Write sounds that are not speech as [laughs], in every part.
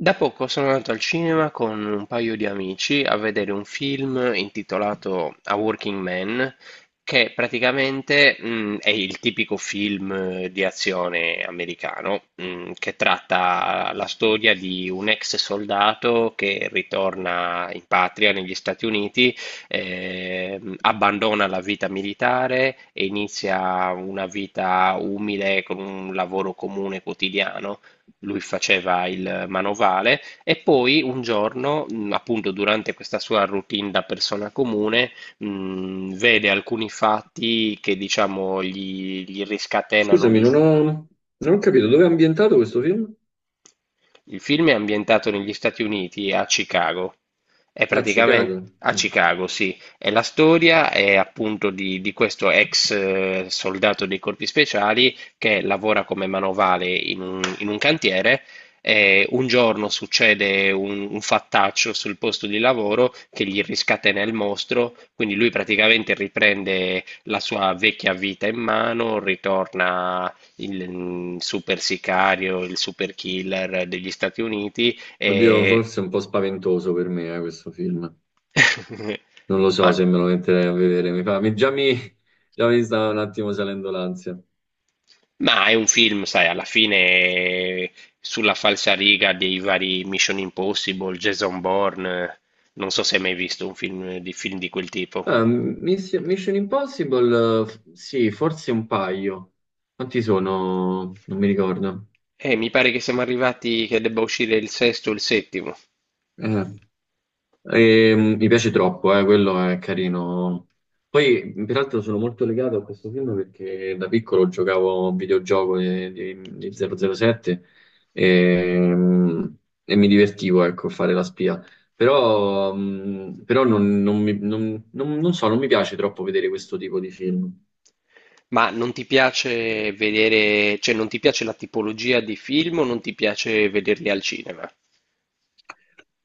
Da poco sono andato al cinema con un paio di amici a vedere un film intitolato A Working Man, che praticamente, è il tipico film di azione americano, che tratta la storia di un ex soldato che ritorna in patria negli Stati Uniti, abbandona la vita militare e inizia una vita umile con un lavoro comune quotidiano. Lui faceva il manovale e poi un giorno, appunto durante questa sua routine da persona comune, vede alcuni fatti che diciamo gli riscatenano Scusami, non ho capito dove è ambientato questo film? il film è ambientato negli Stati Uniti e a Chicago. È A praticamen- Chicago. A Mm. Chicago, sì. E la storia è appunto di questo ex soldato dei corpi speciali che lavora come manovale in un cantiere. E un giorno succede un fattaccio sul posto di lavoro che gli riscatena il mostro, quindi lui praticamente riprende la sua vecchia vita in mano, ritorna il super sicario, il super killer degli Stati Uniti. Oddio, E... forse è un po' spaventoso per me, questo film. [laughs] Non lo so Ma, se me lo metterei a vedere. Mi fa, mi- già mi, Già mi sta un attimo salendo l'ansia. ma è un film, sai, alla fine sulla falsariga dei vari Mission Impossible, Jason Bourne. Non so se hai mai visto un film di quel tipo. Ah, Mission Impossible, sì, forse un paio. Quanti sono? Non mi ricordo. Mi pare che siamo arrivati che debba uscire il sesto o il settimo. Eh. E, mi piace troppo, quello è carino. Poi, peraltro, sono molto legato a questo film perché da piccolo giocavo a un videogioco di 007 e, e mi divertivo, ecco, a fare la spia. Però, però non so, non mi piace troppo vedere questo tipo di film. Ma non ti piace vedere, cioè non ti piace la tipologia di film o non ti piace vederli al cinema?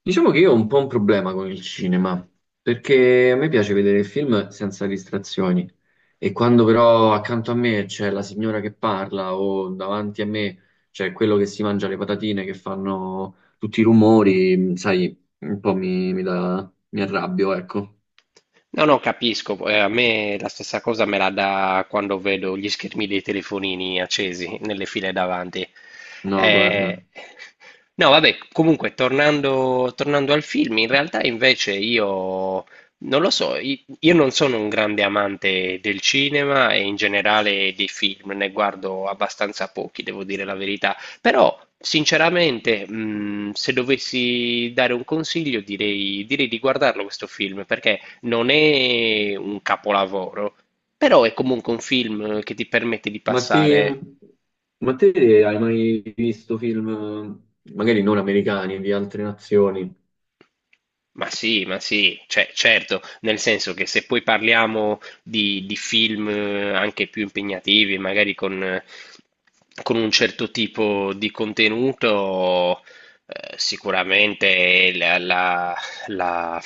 Diciamo che io ho un po' un problema con il cinema, perché a me piace vedere il film senza distrazioni e quando però accanto a me c'è la signora che parla o davanti a me c'è quello che si mangia le patatine che fanno tutti i rumori, sai, un po' mi arrabbio, ecco. No, no, capisco. A me la stessa cosa me la dà quando vedo gli schermi dei telefonini accesi nelle file davanti. No, guarda. Eh, No, vabbè, comunque, tornando al film, in realtà invece io non lo so, io non sono un grande amante del cinema e in generale dei film, ne guardo abbastanza pochi, devo dire la verità, però sinceramente, se dovessi dare un consiglio, direi di guardarlo questo film, perché... Non è un capolavoro, però è comunque un film che ti permette di Ma te, passare. ma te hai mai visto film, magari non americani, di altre nazioni? Ma sì, cioè, certo, nel senso che se poi parliamo di film anche più impegnativi, magari con un certo tipo di contenuto, sicuramente la-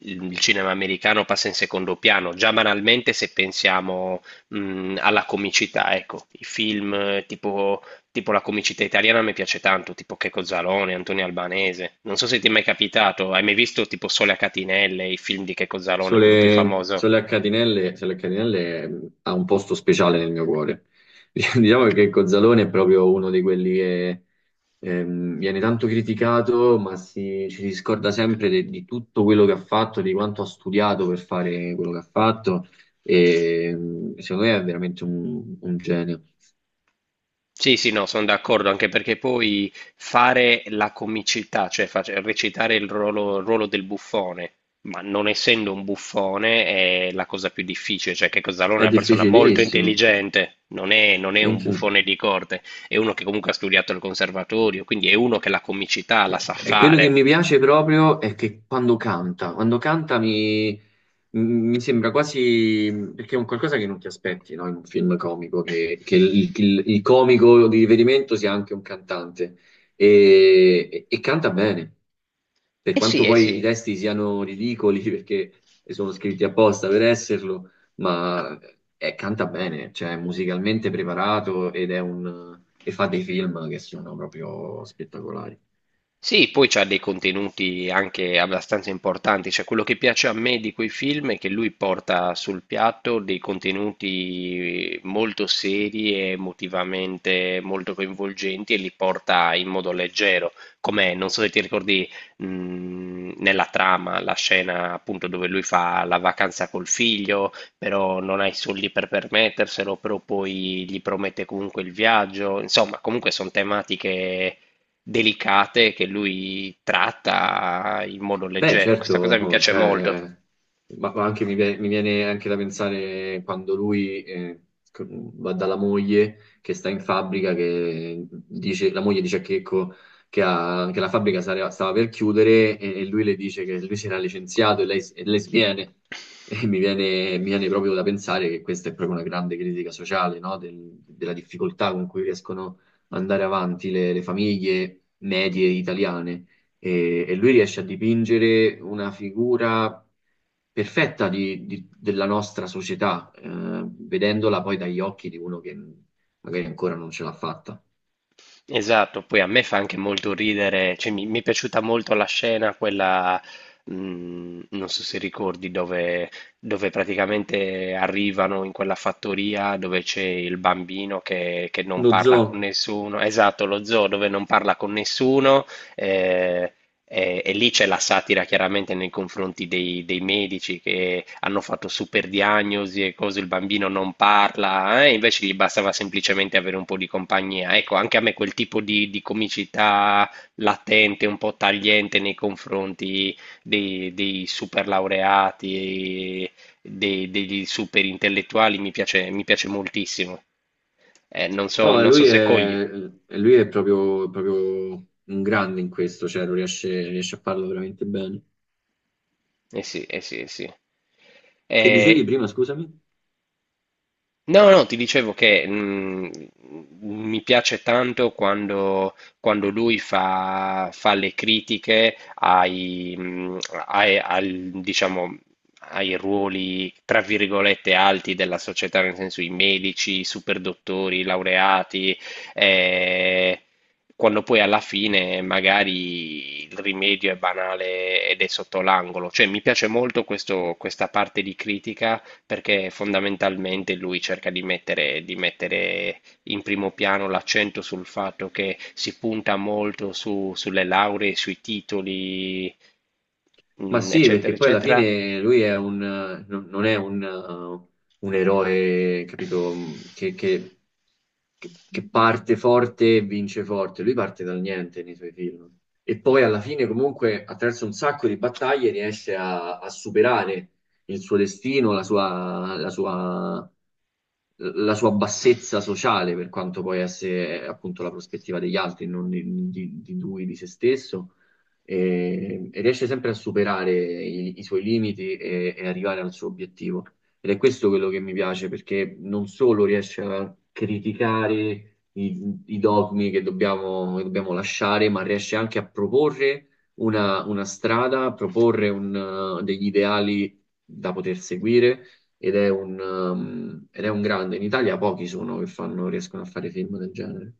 il cinema americano passa in secondo piano. Già banalmente se pensiamo, alla comicità, ecco, i film tipo... Tipo la comicità italiana mi piace tanto, tipo Checco Zalone, Antonio Albanese. Non so se ti è mai capitato, hai mai visto tipo Sole a catinelle, i film di Checco Zalone, quello più Sole, famoso? Sole a Catinelle ha un posto speciale nel mio cuore. [laughs] Diciamo che Cozzalone è proprio uno di quelli che viene tanto criticato, ma si, ci si scorda sempre di tutto quello che ha fatto, di quanto ha studiato per fare quello che ha fatto. E, secondo me è veramente un genio. Sì, sì, no, sono d'accordo, anche perché poi fare la comicità, cioè recitare il ruolo del buffone, ma non essendo un buffone è la cosa più difficile, cioè Checco Zalone è È una persona molto difficilissimo. intelligente, non è un buffone di corte, è uno che comunque ha studiato al conservatorio, quindi è uno che la comicità la sa E quello che fare. mi piace proprio è che quando canta, mi sembra quasi, perché è un qualcosa che non ti aspetti, no? In un film comico, il comico di riferimento sia anche un cantante e, e canta bene, per Eh sì, quanto eh poi i sì. testi siano ridicoli [laughs] perché sono scritti apposta per esserlo, ma canta bene, cioè è musicalmente preparato ed è e fa dei film che sono proprio spettacolari. Sì, poi c'ha dei contenuti anche abbastanza importanti, cioè quello che piace a me di quei film è che lui porta sul piatto dei contenuti molto seri e emotivamente molto coinvolgenti e li porta in modo leggero, come non so se ti ricordi nella trama la scena appunto dove lui fa la vacanza col figlio, però non ha i soldi per permetterselo, però poi gli promette comunque il viaggio, insomma comunque sono tematiche delicate che lui tratta in modo Beh, leggero. certo, Questa cosa mi oh, piace molto. cioè, ma anche mi viene anche da pensare quando lui va dalla moglie che sta in fabbrica, che dice, la moglie dice a Checco che, che la fabbrica stava per chiudere e lui le dice che lui si era licenziato e lei, e lei sviene. [laughs] E mi viene proprio da pensare che questa è proprio una grande critica sociale, no? Della difficoltà con cui riescono ad andare avanti le famiglie medie italiane e lui riesce a dipingere una figura perfetta della nostra società, vedendola poi dagli occhi di uno che magari ancora non ce l'ha fatta. Esatto, poi a me fa anche molto ridere, cioè mi è piaciuta molto la scena, quella, non so se ricordi, dove praticamente arrivano in quella fattoria dove c'è il bambino che non Lo parla con zoo, nessuno, esatto, lo zoo dove non parla con nessuno, eh, e lì c'è la satira chiaramente nei confronti dei medici che hanno fatto super diagnosi e cose, il bambino non parla, invece gli bastava semplicemente avere un po' di compagnia. Ecco, anche a me quel tipo di comicità latente, un po' tagliente nei confronti dei super laureati, degli super intellettuali, mi piace moltissimo. No, Non so lui se cogli. è, e lui è proprio, proprio un grande in questo, cioè riesce a farlo veramente bene. Eh sì, eh sì, eh sì. Che dicevi Eh, prima, scusami? no, no, ti dicevo che mi piace tanto quando lui fa le critiche ai, diciamo, ai ruoli, tra virgolette, alti della società, nel senso i medici, i superdottori, i laureati, eh, quando poi alla fine magari il rimedio è banale ed è sotto l'angolo. Cioè, mi piace molto questa parte di critica perché fondamentalmente lui cerca di mettere in primo piano l'accento sul fatto che si punta molto sulle lauree, sui titoli, Ma sì, eccetera, perché poi alla eccetera. fine lui è non è un eroe, capito, che parte forte e vince forte. Lui parte dal niente nei suoi film. E poi alla fine, comunque, attraverso un sacco di battaglie, riesce a superare il suo destino, la sua bassezza sociale, per quanto poi esse appunto la prospettiva degli altri, non di lui, di se stesso. E riesce sempre a superare i suoi limiti e arrivare al suo obiettivo. Ed è questo quello che mi piace, perché non solo riesce a criticare i dogmi che dobbiamo lasciare, ma riesce anche a proporre una strada, a proporre un, degli ideali da poter seguire. Ed è un grande. In Italia pochi sono riescono a fare film del genere.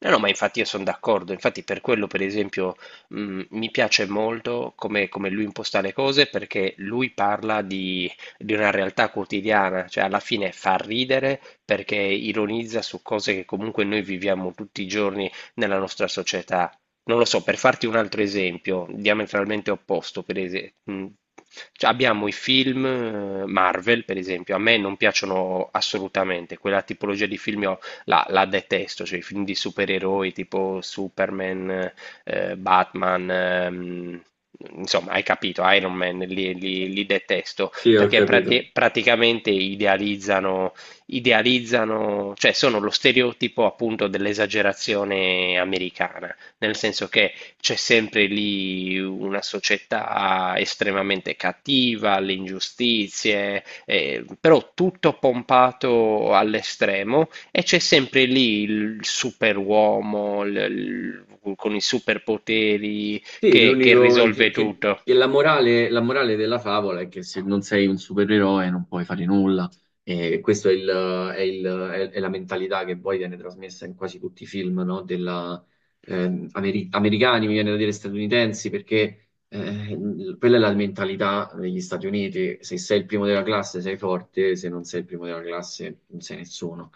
No, no, ma infatti io sono d'accordo, infatti per quello per esempio mi piace molto come lui imposta le cose perché lui parla di una realtà quotidiana, cioè alla fine fa ridere perché ironizza su cose che comunque noi viviamo tutti i giorni nella nostra società. Non lo so, per farti un altro esempio, diametralmente opposto, per esempio, cioè, abbiamo i film Marvel, per esempio, a me non piacciono assolutamente, quella tipologia di film la detesto, cioè i film di supereroi tipo Superman, Batman, insomma, hai capito, Iron Man, li detesto, perché praticamente idealizzano, idealizzano, cioè sono lo stereotipo appunto dell'esagerazione americana, nel senso che c'è sempre lì una società estremamente cattiva, le ingiustizie, però tutto pompato all'estremo e c'è sempre lì il superuomo con i superpoteri Sì, che l'unico risolve tutto. che la morale della favola è che se non sei un supereroe non puoi fare nulla. E questa è, è la mentalità che poi viene trasmessa in quasi tutti i film, no? Della, americani, mi viene da dire statunitensi, perché quella è la mentalità degli Stati Uniti. Se sei il primo della classe sei forte, se non sei il primo della classe non sei nessuno.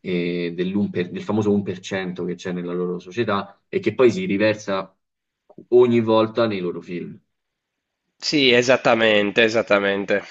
E del famoso 1% che c'è nella loro società e che poi si riversa ogni volta nei loro film. Sì, esattamente, esattamente.